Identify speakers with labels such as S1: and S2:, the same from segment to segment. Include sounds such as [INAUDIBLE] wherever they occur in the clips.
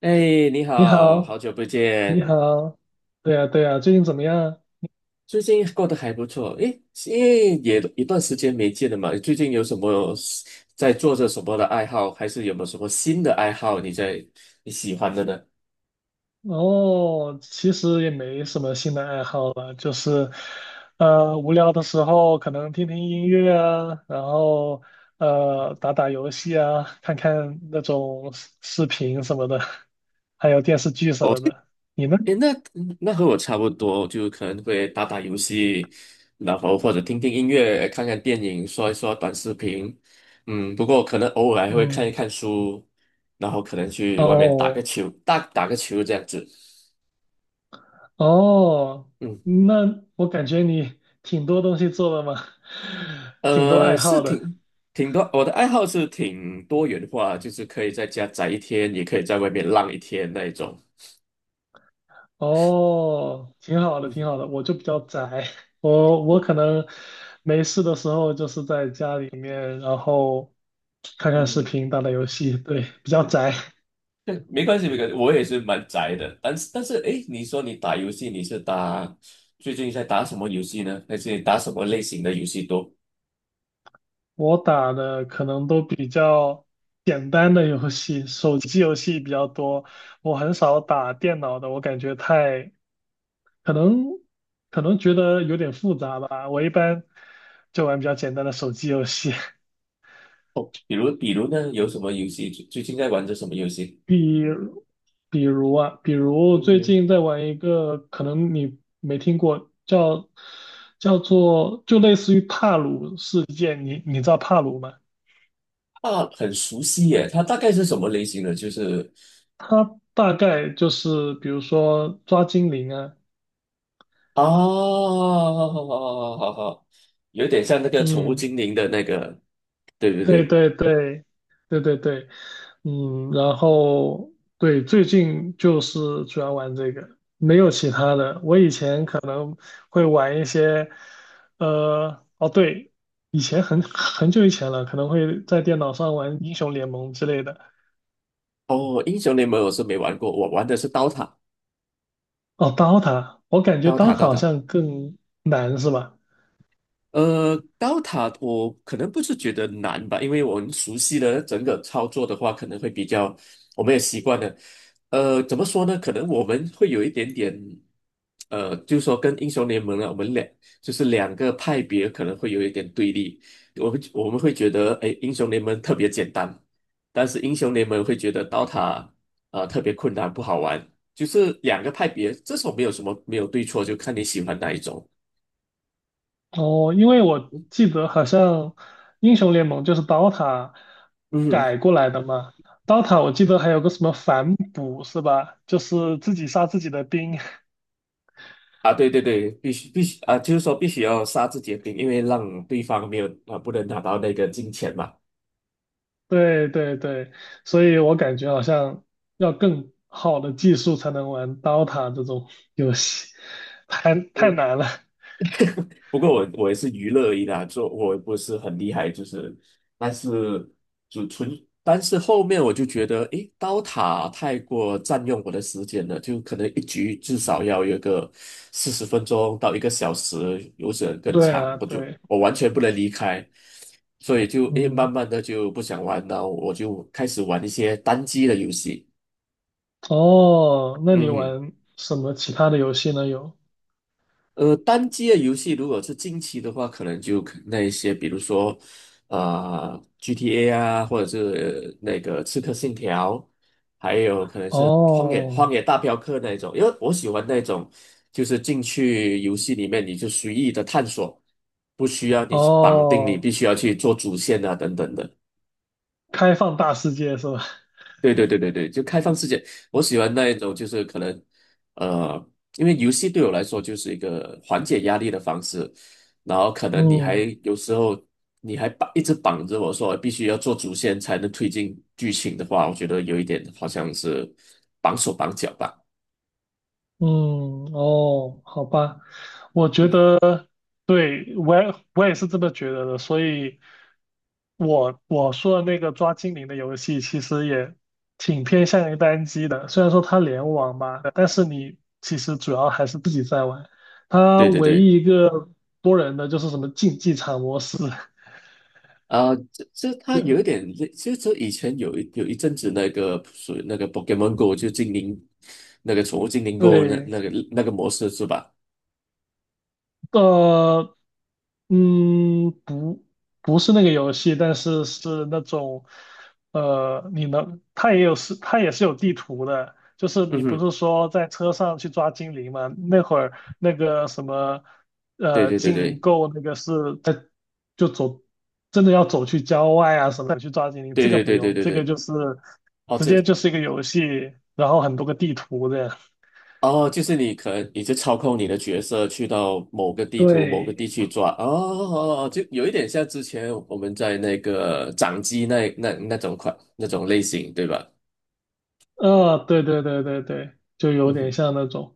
S1: 哎，你
S2: 你
S1: 好，
S2: 好，
S1: 好久不
S2: 你
S1: 见，
S2: 好，对呀，对呀，最近怎么样？
S1: 最近过得还不错。哎，因为也一段时间没见了嘛，最近有什么在做着什么的爱好，还是有没有什么新的爱好你喜欢的呢？
S2: 哦，其实也没什么新的爱好了，就是，无聊的时候可能听听音乐啊，然后打打游戏啊，看看那种视频什么的，还有电视剧什
S1: 哦，
S2: 么的。你呢？
S1: 哎，那和我差不多，就可能会打打游戏，然后或者听听音乐，看看电影，刷一刷短视频。不过可能偶尔还会看一
S2: 嗯，
S1: 看书，然后可能去外面
S2: 哦
S1: 打打个球这样子。
S2: 哦，
S1: 嗯。
S2: 那我感觉你挺多东西做的嘛，[LAUGHS] 挺多爱
S1: 是
S2: 好的。
S1: 挺多，我的爱好是挺多元化，就是可以在家宅一天，也可以在外面浪一天那一种。
S2: 哦，挺好的，
S1: 嗯
S2: 挺
S1: 哼，
S2: 好的。我就比较宅，[LAUGHS] 我可能没事的时候就是在家里面，然后看
S1: 嗯
S2: 看视
S1: 哼，
S2: 频，打打游戏，对，比较
S1: 对
S2: 宅。
S1: 对，没关系没关系，我也是蛮宅的。但是诶，你说你打游戏，你是打最近在打什么游戏呢？还是你打什么类型的游戏多？
S2: 我打的可能都比较简单的游戏，手机游戏比较多，我很少打电脑的，我感觉太，可能可能觉得有点复杂吧。我一般就玩比较简单的手机游戏。[LAUGHS]
S1: 比如呢，有什么游戏最近在玩着什么游戏？
S2: 比如比如最
S1: 嗯，
S2: 近在玩一个，可能你没听过，叫做就类似于帕鲁事件，你知道帕鲁吗？
S1: 啊，很熟悉耶，它大概是什么类型的？就是
S2: 它大概就是比如说抓精灵啊，
S1: 哦，好好好好好，有点像那个宠物
S2: 嗯，
S1: 精灵的那个，对对
S2: 对
S1: 对。
S2: 对对对对对，嗯，然后对，最近就是主要玩这个，没有其他的。我以前可能会玩一些，哦对，以前很久以前了，可能会在电脑上玩英雄联盟之类的。
S1: 哦，英雄联盟我是没玩过，我玩的是刀塔，
S2: 哦，DOTA，我感觉
S1: 刀塔，
S2: DOTA
S1: 刀
S2: 好
S1: 塔。
S2: 像更难是吧？
S1: Dota 我可能不是觉得难吧，因为我们熟悉的整个操作的话，可能会比较，我们也习惯了。怎么说呢？可能我们会有一点点，就是说跟英雄联盟呢，我们两就是两个派别可能会有一点对立。我们会觉得，哎，英雄联盟特别简单，但是英雄联盟会觉得 Dota 特别困难，不好玩。就是两个派别，这种没有什么没有对错，就看你喜欢哪一种。
S2: 哦，因为我记得好像英雄联盟就是 DOTA
S1: 嗯哼。
S2: 改过来的嘛，DOTA 我记得还有个什么反哺是吧？就是自己杀自己的兵。[LAUGHS]
S1: 啊，对对对，必须必须啊，就是说必须要杀自己的兵，因为让对方没有啊，不能拿到那个金钱嘛。
S2: 对对对，所以我感觉好像要更好的技术才能玩 DOTA 这种游戏，太难了。
S1: 不过我也是娱乐而已啦，做我也不是很厉害，就是，但是就纯，但是后面我就觉得，诶，刀塔太过占用我的时间了，就可能一局至少要有个40分钟到一个小时，有时
S2: [LAUGHS]
S1: 更
S2: 对
S1: 长，
S2: 啊，
S1: 我就
S2: 对，
S1: 我完全不能离开，所以慢
S2: 嗯，
S1: 慢的就不想玩了，我就开始玩一些单机的游戏，
S2: 哦，那你
S1: 嗯。
S2: 玩什么其他的游戏呢？有，
S1: 单机的游戏如果是近期的话，可能就那一些，比如说，啊、GTA 啊，或者是那个《刺客信条》，还有可能是《荒野荒
S2: 哦
S1: 野大镖客》那一种，因为我喜欢那种，就是进去游戏里面你就随意的探索，不需要你去绑定，你
S2: 哦，
S1: 必须要去做主线啊等等的。
S2: 开放大世界是吧？
S1: 对对对对对，就开放世界，我喜欢那一种，就是可能，呃，因为游戏对我来说就是一个缓解压力的方式，然后可能你还
S2: 嗯
S1: 有时候你还一直绑着我说必须要做主线才能推进剧情的话，我觉得有一点好像是绑手绑脚吧。
S2: 嗯，哦，好吧，我觉
S1: 嗯，
S2: 得对，我也是这么觉得的，所以我说的那个抓精灵的游戏其实也挺偏向于单机的，虽然说它联网吧，但是你其实主要还是自己在玩，它
S1: 对对
S2: 唯
S1: 对，
S2: 一一个多人的就是什么竞技场模式，[LAUGHS]
S1: 啊、这他有一
S2: 对。
S1: 点类，其实这以前有一阵子那个属于那个 Pokemon Go 就精灵那个宠物精灵 Go 那
S2: 对，
S1: 那个那个模式是吧？
S2: 呃，嗯，不是那个游戏，但是是那种，呃，你能，它也有是，它也是有地图的，就是
S1: 嗯
S2: 你不
S1: 哼。
S2: 是说在车上去抓精灵吗？那会儿那个什么，
S1: 对对对
S2: 精灵
S1: 对
S2: 够那个是在就走，真的要走去郊外啊什么的去抓精灵，
S1: 对，
S2: 这个
S1: 对
S2: 不
S1: 对对
S2: 用，
S1: 对
S2: 这个
S1: 对，
S2: 就是
S1: 哦，
S2: 直
S1: 这
S2: 接就是一个游戏，然后很多个地图的。
S1: 哦，就是你可能你就操控你的角色去到某个地图、某个
S2: 对，
S1: 地区抓，哦哦哦，就有一点像之前我们在那个掌机那种类型，对吧？
S2: 对对对对对，就有
S1: 嗯
S2: 点
S1: 哼。
S2: 像那种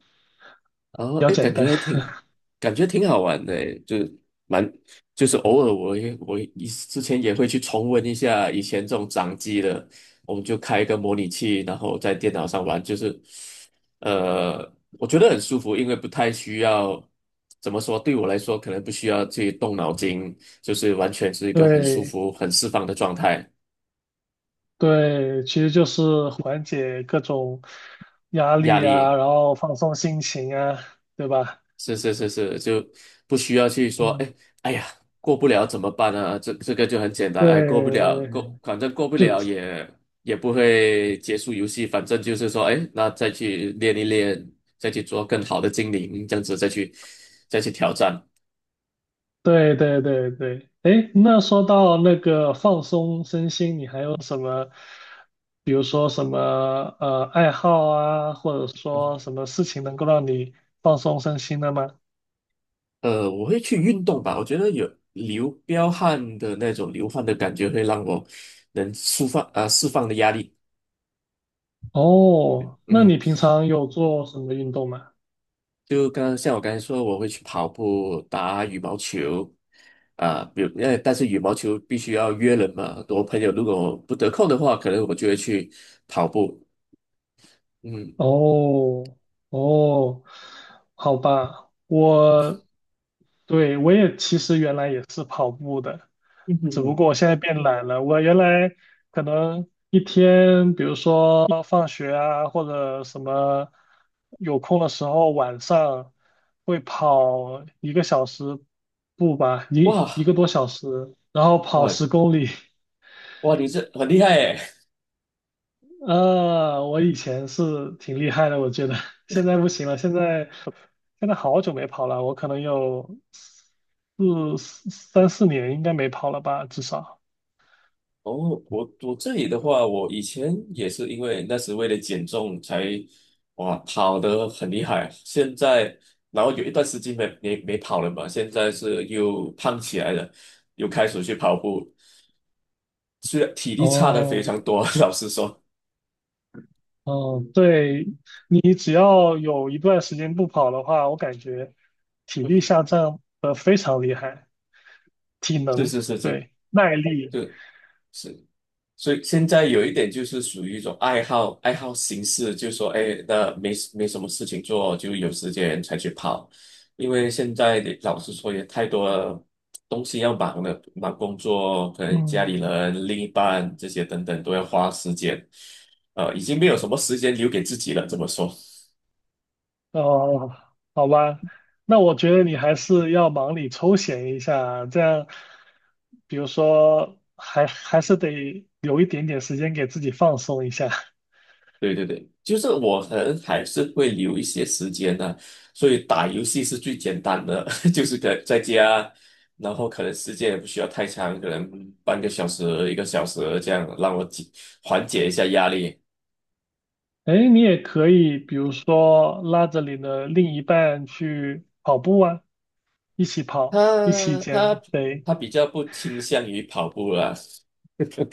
S1: 哦，
S2: 比较
S1: 哎，
S2: 简单。[LAUGHS]
S1: 感觉挺好玩的诶，就是蛮，就是偶尔我之前也会去重温一下以前这种掌机的，我们就开一个模拟器，然后在电脑上玩，就是，呃，我觉得很舒服，因为不太需要，怎么说，对我来说可能不需要去动脑筋，就是完全是一个很舒
S2: 对
S1: 服、很释放的状态，
S2: 对，其实就是缓解各种压
S1: 压
S2: 力啊，
S1: 力。
S2: 然后放松心情啊，对吧？
S1: 是是是是，就不需要去说，
S2: 嗯，
S1: 哎呀，过不了怎么办啊？这个就很简单，哎，过不了，
S2: 对，
S1: 反正过不
S2: 就
S1: 了也也不会结束游戏，反正就是说，哎，那再去练一练，再去做更好的精灵，这样子再去挑战。
S2: 对对对对。哎，那说到那个放松身心，你还有什么，比如说什么爱好啊，或者
S1: 嗯。
S2: 说什么事情能够让你放松身心的吗？
S1: 我会去运动吧，我觉得有流汗的感觉会让我能释放啊、释放的压力。
S2: 哦，那你
S1: 嗯。
S2: 平常有做什么运动吗？
S1: 就刚刚像我刚才说，我会去跑步、打羽毛球，啊，比如但是羽毛球必须要约人嘛。我朋友如果不得空的话，可能我就会去跑步。嗯，
S2: 哦哦，好吧，我也其实原来也是跑步的，
S1: 嗯哼
S2: 只不
S1: 哼，
S2: 过我现在变懒了。我原来可能一天，比如说放学啊，或者什么有空的时候，晚上会跑一个小时步吧，一个
S1: 哇
S2: 多小时，然后跑
S1: 哇
S2: 十公里。[LAUGHS]
S1: 哇，你这很厉害诶。
S2: 啊，我以前是挺厉害的，我觉得现在不行了，现在。现在好久没跑了，我可能有四年应该没跑了吧，至少。
S1: 哦，我这里的话，我以前也是因为那时为了减重才哇跑得很厉害，现在然后有一段时间没跑了嘛，现在是又胖起来了，又开始去跑步。虽然体力差的非
S2: 哦
S1: 常多，[LAUGHS] 老实说，
S2: 哦，对，你只要有一段时间不跑的话，我感觉体
S1: 嗯，
S2: 力下降的非常厉害，体
S1: 是
S2: 能，
S1: 是是是，
S2: 对，耐力，
S1: 对是，所以现在有一点就是属于一种爱好形式，就说哎，那没什么事情做，就有时间才去跑，因为现在的老实说也太多东西要忙了，忙工作，可能家里
S2: 嗯
S1: 人、另一半这些等等都要花时间，已经没有什么
S2: 嗯，
S1: 时间留给自己了，这么说。
S2: 哦，好吧，那我觉得你还是要忙里抽闲一下，这样，比如说还是得留一点点时间给自己放松一下。[LAUGHS]
S1: 对对对，就是我可能还是会留一些时间呢、所以打游戏是最简单的，[LAUGHS] 就是可在家，然后可能时间也不需要太长，可能半个小时、一个小时这样，让我缓解一下压力。
S2: 哎，你也可以，比如说拉着你的另一半去跑步啊，一起跑，一起
S1: 他
S2: 减
S1: 他
S2: 肥。
S1: 他比较不倾向于跑步啦，[LAUGHS]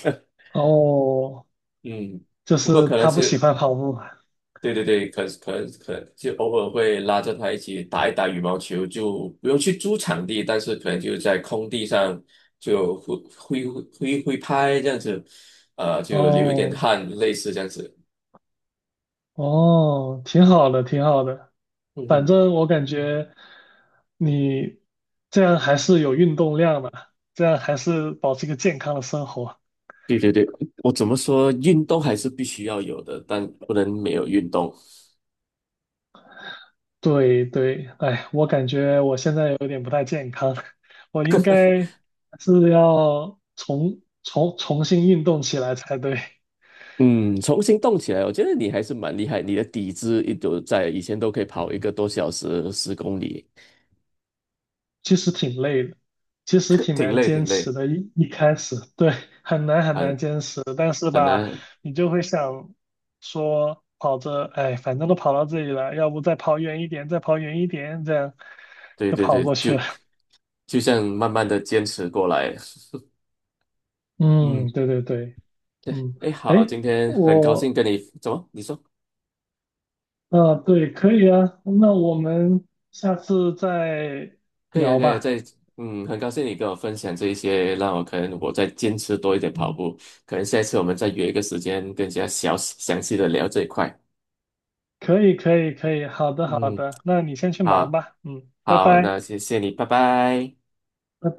S2: 哦，
S1: 嗯，
S2: 就
S1: 不过
S2: 是
S1: 可能
S2: 他不喜
S1: 是
S2: 欢跑步啊。
S1: 对对对，可可可，就偶尔会拉着他一起打一打羽毛球，就不用去租场地，但是可能就在空地上就挥拍这样子，就流一点
S2: 哦
S1: 汗，类似这样子。
S2: 哦，挺好的，挺好的。
S1: 嗯
S2: 反
S1: 哼，
S2: 正我感觉你这样还是有运动量的，这样还是保持一个健康的生活。
S1: 对对对，我怎么说，运动还是必须要有的，但不能没有运动。
S2: 对对，哎，我感觉我现在有点不太健康，[LAUGHS] 我应该是要重新运动起来才对。
S1: 嗯，重新动起来，我觉得你还是蛮厉害，你的底子一直在，以前都可以跑1个多小时，10公里，
S2: 其实挺累的，其实
S1: [LAUGHS]
S2: 挺
S1: 挺
S2: 难
S1: 累挺
S2: 坚持
S1: 累，
S2: 的。一开始，对，很难很难
S1: 很
S2: 坚持，但是
S1: 很
S2: 吧，
S1: 难。
S2: 你就会想说，跑着，哎，反正都跑到这里了，要不再跑远一点，再跑远一点，这样
S1: 对
S2: 就
S1: 对
S2: 跑
S1: 对，
S2: 过去了。
S1: 就像慢慢的坚持过来。[LAUGHS]
S2: [LAUGHS] 嗯，
S1: 嗯，
S2: 对对对，嗯，
S1: 哎，
S2: 哎。
S1: 好，今天很高
S2: 我
S1: 兴跟你，怎么？你说
S2: 对，可以啊，那我们下次再
S1: 可以啊，
S2: 聊
S1: 可以啊，
S2: 吧。
S1: 在，嗯，很高兴你跟我分享这一些，让我可能我再坚持多一点跑
S2: 嗯，
S1: 步，可能下一次我们再约一个时间，更加详细的聊这一块。
S2: 可以，可以，可以，好的，好
S1: 嗯，
S2: 的，那你先去忙
S1: 好，
S2: 吧。嗯，拜
S1: 好，
S2: 拜，
S1: 那谢谢你，拜拜。
S2: 拜拜。